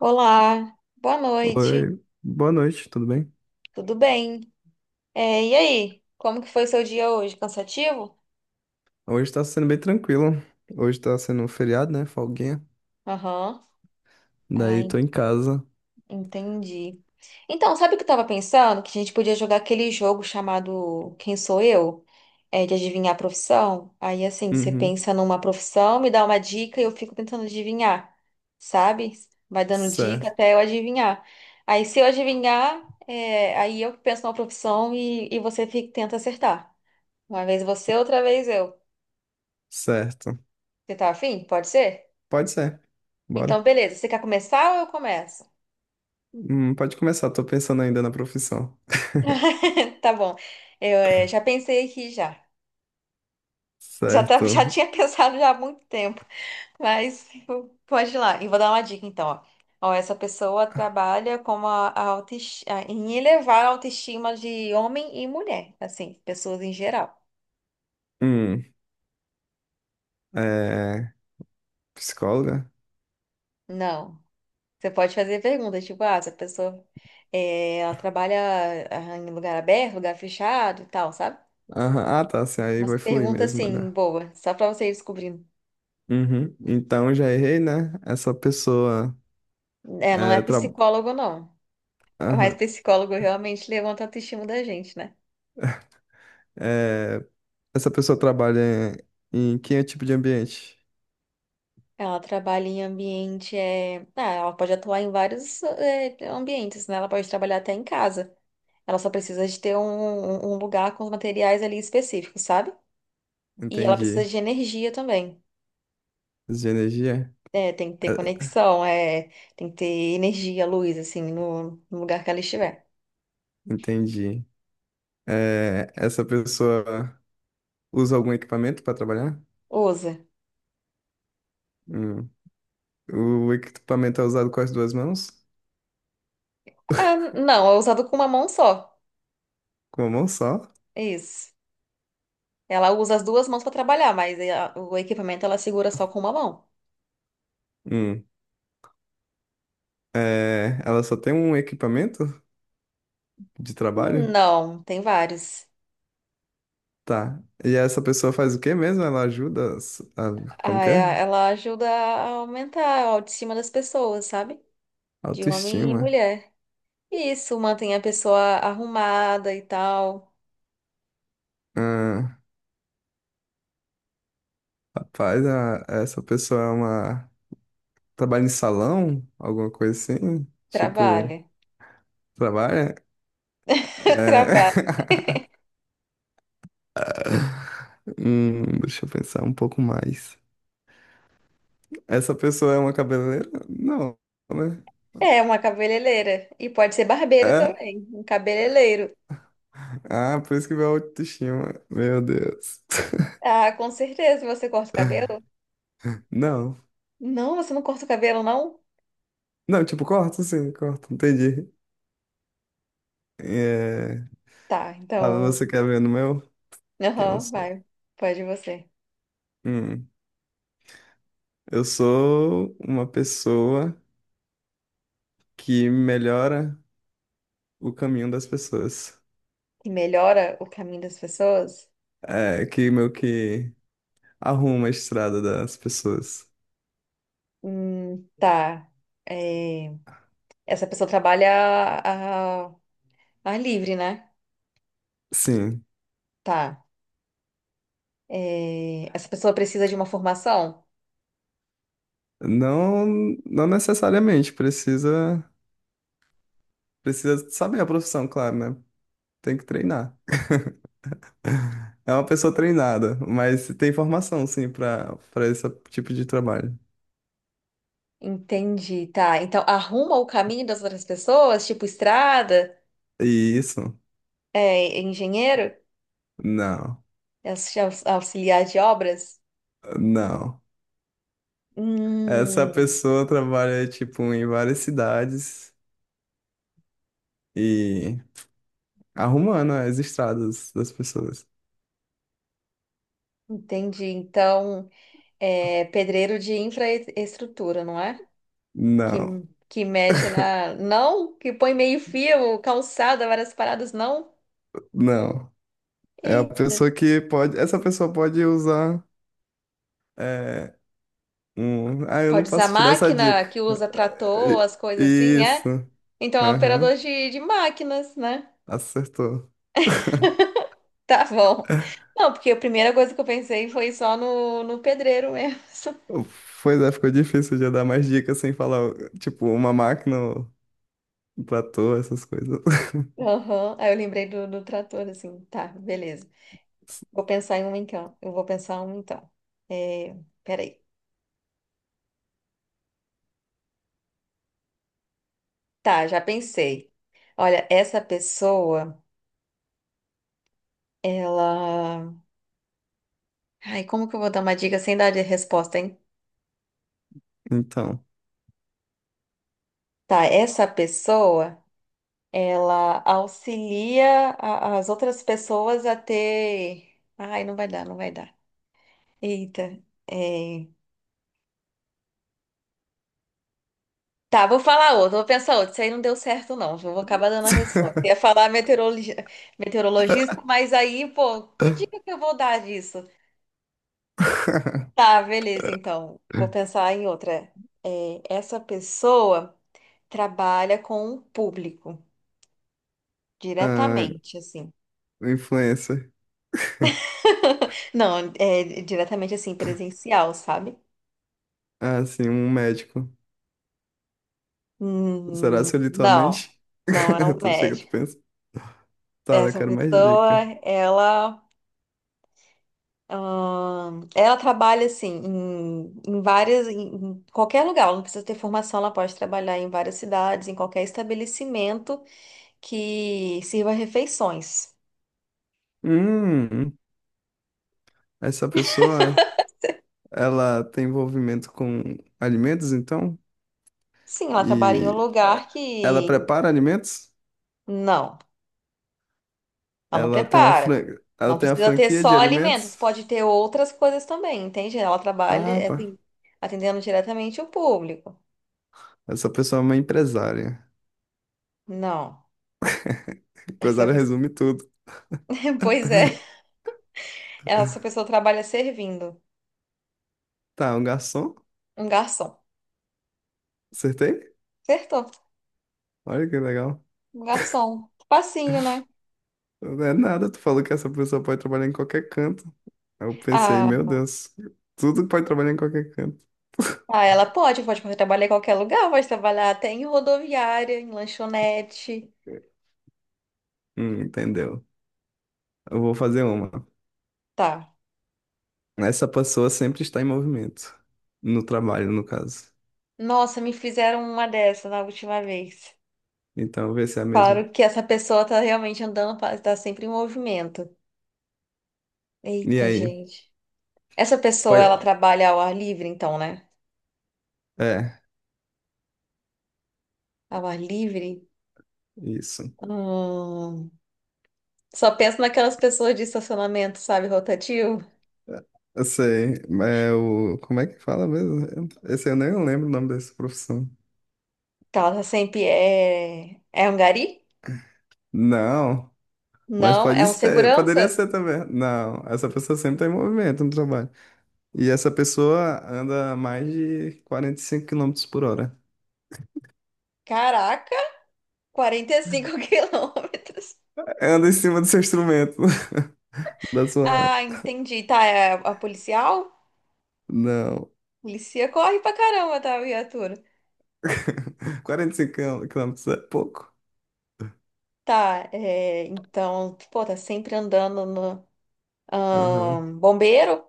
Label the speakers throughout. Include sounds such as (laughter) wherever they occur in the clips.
Speaker 1: Olá, boa noite,
Speaker 2: Oi, boa noite, tudo bem?
Speaker 1: tudo bem? E aí, como que foi o seu dia hoje? Cansativo?
Speaker 2: Hoje tá sendo bem tranquilo. Hoje tá sendo um feriado, né? Folguinha.
Speaker 1: Aham. Ah,
Speaker 2: Daí
Speaker 1: en-
Speaker 2: tô em casa.
Speaker 1: entendi. Então, sabe o que eu tava pensando? Que a gente podia jogar aquele jogo chamado Quem Sou Eu? É, de adivinhar a profissão. Aí, assim, você
Speaker 2: Uhum.
Speaker 1: pensa numa profissão, me dá uma dica e eu fico tentando adivinhar, sabe? Vai dando dica
Speaker 2: Certo,
Speaker 1: até eu adivinhar. Aí, se eu adivinhar, é, aí eu penso numa profissão e tenta acertar. Uma vez você, outra vez eu.
Speaker 2: certo.
Speaker 1: Você tá afim? Pode ser?
Speaker 2: Pode ser.
Speaker 1: Então,
Speaker 2: Bora.
Speaker 1: beleza. Você quer começar ou eu começo?
Speaker 2: Pode começar, tô pensando ainda na profissão.
Speaker 1: (laughs) Tá bom. Eu já pensei aqui já. Já, tá, já
Speaker 2: Certo.
Speaker 1: tinha (laughs) pensado já há muito tempo. Pode ir lá. E vou dar uma dica então, ó. Ó, essa pessoa trabalha como em elevar a autoestima de homem e mulher, assim, pessoas em geral.
Speaker 2: Hum, é. Psicóloga?
Speaker 1: Não. Você pode fazer perguntas, tipo, ah, essa pessoa ela trabalha ah, em lugar aberto, lugar fechado e tal, sabe?
Speaker 2: Aham. Ah, tá, assim, aí
Speaker 1: Umas
Speaker 2: vai fluir
Speaker 1: perguntas
Speaker 2: mesmo,
Speaker 1: assim,
Speaker 2: olha.
Speaker 1: boa, só pra você ir descobrindo.
Speaker 2: Uhum. Então já errei, né? Essa pessoa.
Speaker 1: É, não é
Speaker 2: É, tra...
Speaker 1: psicólogo, não. Mas
Speaker 2: Aham.
Speaker 1: psicólogo realmente levanta a autoestima da gente, né?
Speaker 2: É, essa pessoa trabalha em que é tipo de ambiente?
Speaker 1: Ela trabalha em ambiente. É... Ah, ela pode atuar em vários é, ambientes, né? Ela pode trabalhar até em casa. Ela só precisa de ter um lugar com os materiais ali específicos, sabe? E ela precisa
Speaker 2: Entendi.
Speaker 1: de energia também.
Speaker 2: De energia?
Speaker 1: É, tem que ter
Speaker 2: Eh,
Speaker 1: conexão, é, tem que ter energia, luz, assim, no lugar que ela estiver.
Speaker 2: Entendi. Essa pessoa usa algum equipamento para trabalhar?
Speaker 1: Usa.
Speaker 2: Hum. O equipamento é usado com as duas mãos?
Speaker 1: Ah, não, é usado com uma mão só.
Speaker 2: Com uma mão só?
Speaker 1: Isso. Ela usa as duas mãos para trabalhar, mas o equipamento ela segura só com uma mão.
Speaker 2: Hum. Ela só tem um equipamento de trabalho?
Speaker 1: Não, tem vários.
Speaker 2: Tá. E essa pessoa faz o quê mesmo? Ela ajuda as- a, como que é?
Speaker 1: Ela ajuda a aumentar a autoestima das pessoas, sabe? De homem e
Speaker 2: Autoestima.
Speaker 1: mulher. Isso mantém a pessoa arrumada e tal.
Speaker 2: Ah, rapaz, a- essa pessoa é uma... Trabalha em salão? Alguma coisa assim? Tipo,
Speaker 1: Trabalha.
Speaker 2: trabalha?
Speaker 1: (laughs)
Speaker 2: É...
Speaker 1: Trabalha.
Speaker 2: (laughs) Deixa eu pensar um pouco mais. Essa pessoa é uma cabeleireira? Não, né?
Speaker 1: É uma cabeleireira. E pode ser barbeiro
Speaker 2: É?
Speaker 1: também. Um cabeleireiro.
Speaker 2: Ah, por isso que meu autoestima. Meu Deus. (laughs)
Speaker 1: Ah, com certeza você corta o cabelo?
Speaker 2: Não.
Speaker 1: Não, você não corta o cabelo, não?
Speaker 2: Não, tipo, corta sim, corta. Entendi. É...
Speaker 1: Tá,
Speaker 2: Ah,
Speaker 1: então.
Speaker 2: você quer ver no meu? Que eu não
Speaker 1: Aham,
Speaker 2: sou.
Speaker 1: vai. Pode você.
Speaker 2: Hum, Eu sou uma pessoa que melhora o caminho das pessoas.
Speaker 1: Que melhora o caminho das pessoas?
Speaker 2: É, que meio que arruma a estrada das pessoas.
Speaker 1: Tá. É, essa pessoa trabalha a, a- ar livre, né?
Speaker 2: Sim.
Speaker 1: Tá. É, essa pessoa precisa de uma formação?
Speaker 2: Não, não necessariamente, precisa, precisa saber a profissão, claro, né? Tem que treinar. É uma pessoa treinada, mas tem formação, sim, para esse tipo de trabalho.
Speaker 1: Entendi, tá. Então, arruma o caminho das outras pessoas, tipo estrada,
Speaker 2: E isso?
Speaker 1: é, engenheiro,
Speaker 2: Não,
Speaker 1: auxiliar de obras?
Speaker 2: não. Essa
Speaker 1: Hum,
Speaker 2: pessoa trabalha, tipo, em várias cidades e arrumando as estradas das pessoas.
Speaker 1: entendi. Então, é pedreiro de infraestrutura, não é? que,
Speaker 2: Não,
Speaker 1: que mexe na. Não, que põe meio-fio, calçada, várias paradas, não.
Speaker 2: não. É a
Speaker 1: E
Speaker 2: pessoa que pode. Essa pessoa pode usar. eh, ah, eu não
Speaker 1: pode usar
Speaker 2: posso te dar essa
Speaker 1: máquina,
Speaker 2: dica.
Speaker 1: que usa
Speaker 2: É,
Speaker 1: trator,
Speaker 2: I-
Speaker 1: as coisas assim,
Speaker 2: Isso.
Speaker 1: é? Então é um
Speaker 2: Aham,
Speaker 1: operador de máquinas, né? (laughs)
Speaker 2: acertou. (laughs)
Speaker 1: Tá bom. Não, porque a primeira coisa que eu pensei foi só no pedreiro mesmo.
Speaker 2: Pois é, ficou difícil de eu dar mais dicas sem falar, tipo, uma máquina, um platô, essas coisas. (laughs)
Speaker 1: (laughs) Aham. Aí eu lembrei do trator, assim. Tá, beleza. Vou pensar em um então. Eu vou pensar um então. É, peraí. Tá, já pensei. Olha, essa pessoa, ela... Ai, como que eu vou dar uma dica sem dar de resposta, hein?
Speaker 2: Então.
Speaker 1: Tá, essa pessoa, as outras pessoas a ter. Ai, não vai dar, não vai dar. Eita. é, Tá, vou falar outro, vou pensar outro. Isso aí não deu certo, não. Eu vou acabar dando a resposta.
Speaker 2: (laughs)
Speaker 1: Meteorologista, mas aí, pô, que dica que eu vou dar disso? Tá, beleza, então. Vou pensar em outra. É, essa pessoa trabalha com o público
Speaker 2: Ah,
Speaker 1: diretamente, assim.
Speaker 2: influencer. (laughs)
Speaker 1: (laughs) Não, é diretamente assim, presencial, sabe?
Speaker 2: Ah, sim, um médico. Será se eu li tua
Speaker 1: Não,
Speaker 2: mente?
Speaker 1: não é um
Speaker 2: (laughs) Tu chega, tu
Speaker 1: médico.
Speaker 2: pensa. Tá, eu
Speaker 1: Essa
Speaker 2: quero mais
Speaker 1: pessoa,
Speaker 2: dica.
Speaker 1: ela, ela trabalha assim em, em várias, em qualquer lugar. Ela não precisa ter formação, ela pode trabalhar em várias cidades, em qualquer estabelecimento que sirva refeições.
Speaker 2: Hum, essa pessoa ela tem envolvimento com alimentos, então?
Speaker 1: Sim, ela trabalha em um
Speaker 2: E eh,
Speaker 1: lugar
Speaker 2: ela
Speaker 1: que
Speaker 2: prepara alimentos?
Speaker 1: não. Ela não
Speaker 2: Ela tem uma
Speaker 1: prepara.
Speaker 2: fran... ela
Speaker 1: Não
Speaker 2: tem uma
Speaker 1: precisa ter
Speaker 2: franquia de
Speaker 1: só alimentos,
Speaker 2: alimentos?
Speaker 1: pode ter outras coisas também, entende? Ela trabalha
Speaker 2: Ah,
Speaker 1: é,
Speaker 2: tá.
Speaker 1: assim, atendendo diretamente o público.
Speaker 2: Essa pessoa é uma empresária.
Speaker 1: Não. Essa
Speaker 2: Empresária
Speaker 1: pessoa...
Speaker 2: resume tudo.
Speaker 1: (laughs) Pois
Speaker 2: (laughs)
Speaker 1: é, essa pessoa trabalha servindo.
Speaker 2: Tá, um garçom?
Speaker 1: Um garçom.
Speaker 2: Acertei?
Speaker 1: Acertou.
Speaker 2: Olha que legal.
Speaker 1: Um garçom. Facinho, né?
Speaker 2: Não é nada, tu falou que essa pessoa pode trabalhar em qualquer canto. Aí eu pensei,
Speaker 1: Ah,
Speaker 2: meu Deus, tudo pode trabalhar em qualquer canto.
Speaker 1: ah, ela pode, pode trabalhar em qualquer lugar, pode trabalhar até em rodoviária, em lanchonete.
Speaker 2: Entendeu? Eu vou fazer uma.
Speaker 1: Tá.
Speaker 2: Essa pessoa sempre está em movimento. No trabalho, no caso.
Speaker 1: Nossa, me fizeram uma dessa na última vez.
Speaker 2: Então, vê se é mesmo.
Speaker 1: Claro que essa pessoa tá realmente andando, tá sempre em movimento.
Speaker 2: E
Speaker 1: Eita,
Speaker 2: aí?
Speaker 1: gente. Essa pessoa, ela
Speaker 2: Pode...
Speaker 1: trabalha ao ar livre, então, né?
Speaker 2: É,
Speaker 1: Ao ar livre?
Speaker 2: isso.
Speaker 1: Hum, Só penso naquelas pessoas de estacionamento, sabe, rotativo.
Speaker 2: Eu sei. É o... Como é que fala mesmo? Esse eu nem lembro o nome dessa profissão.
Speaker 1: Que ela tá sempre é... É um gari?
Speaker 2: Não, mas
Speaker 1: Não,
Speaker 2: pode
Speaker 1: é um
Speaker 2: ser. Poderia
Speaker 1: segurança?
Speaker 2: ser também. Não, essa pessoa sempre está em movimento no trabalho. E essa pessoa anda a mais de 45 km por hora.
Speaker 1: Caraca, 45 (laughs) quilômetros.
Speaker 2: Anda em cima do seu instrumento. (laughs) Da sua.
Speaker 1: Ah, entendi. Tá, é a policial?
Speaker 2: Não.
Speaker 1: Polícia corre pra caramba, tá, viatura?
Speaker 2: (laughs) 45 km é pouco?
Speaker 1: Tá, é... Então, pô, tá sempre andando no...
Speaker 2: Aham.
Speaker 1: bombeiro?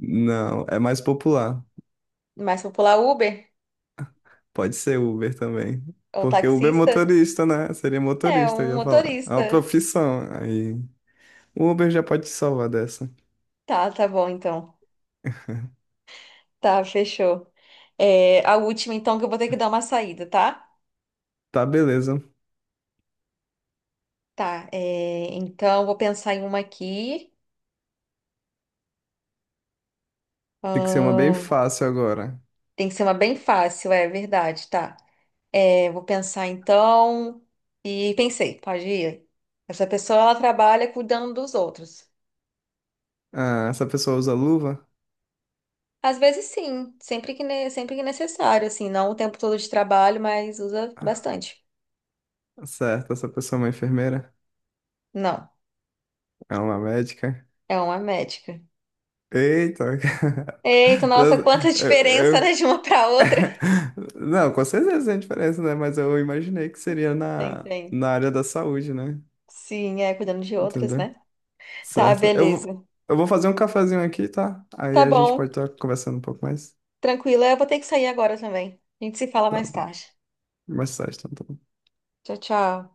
Speaker 2: Não, é mais popular.
Speaker 1: Mais popular Uber?
Speaker 2: Pode ser Uber também.
Speaker 1: É um
Speaker 2: Porque Uber é
Speaker 1: taxista?
Speaker 2: motorista, né? Seria
Speaker 1: É,
Speaker 2: motorista,
Speaker 1: um
Speaker 2: eu ia falar. É uma
Speaker 1: motorista.
Speaker 2: profissão. Aí o Uber já pode te salvar dessa.
Speaker 1: Tá, tá bom então. Tá, fechou. É, a última então que eu vou ter que dar uma saída, tá?
Speaker 2: Tá, beleza.
Speaker 1: Tá, é, então vou pensar em uma aqui.
Speaker 2: Tem que ser uma bem
Speaker 1: Ahn,
Speaker 2: fácil agora.
Speaker 1: tem que ser uma bem fácil, é verdade, tá. É, vou pensar então. E pensei, pode ir. Essa pessoa ela trabalha cuidando dos outros.
Speaker 2: Ah, essa pessoa usa luva?
Speaker 1: Às vezes sim, sempre que, sempre que necessário, assim, não o tempo todo de trabalho, mas usa
Speaker 2: Ah,
Speaker 1: bastante.
Speaker 2: certo, essa pessoa é uma enfermeira?
Speaker 1: Não,
Speaker 2: É uma médica?
Speaker 1: é uma médica.
Speaker 2: Eita! (laughs)
Speaker 1: Eita, nossa,
Speaker 2: Eu,
Speaker 1: quanta diferença, né,
Speaker 2: eu-
Speaker 1: de uma para outra.
Speaker 2: (laughs) Não, com certeza tem diferença, né? Mas eu imaginei que seria
Speaker 1: Tem,
Speaker 2: na,
Speaker 1: tem.
Speaker 2: na área da saúde, né?
Speaker 1: Sim, é, cuidando de outras,
Speaker 2: Entendeu?
Speaker 1: né? Tá,
Speaker 2: Certo?
Speaker 1: beleza.
Speaker 2: Eu vou fazer um cafezinho aqui, tá? Aí
Speaker 1: Tá
Speaker 2: a gente pode
Speaker 1: bom,
Speaker 2: estar conversando um pouco mais,
Speaker 1: tranquila. Eu vou ter que sair agora também. A gente se fala
Speaker 2: tá?
Speaker 1: mais tarde.
Speaker 2: Mais tarde, então. Tá bom.
Speaker 1: Tchau, tchau.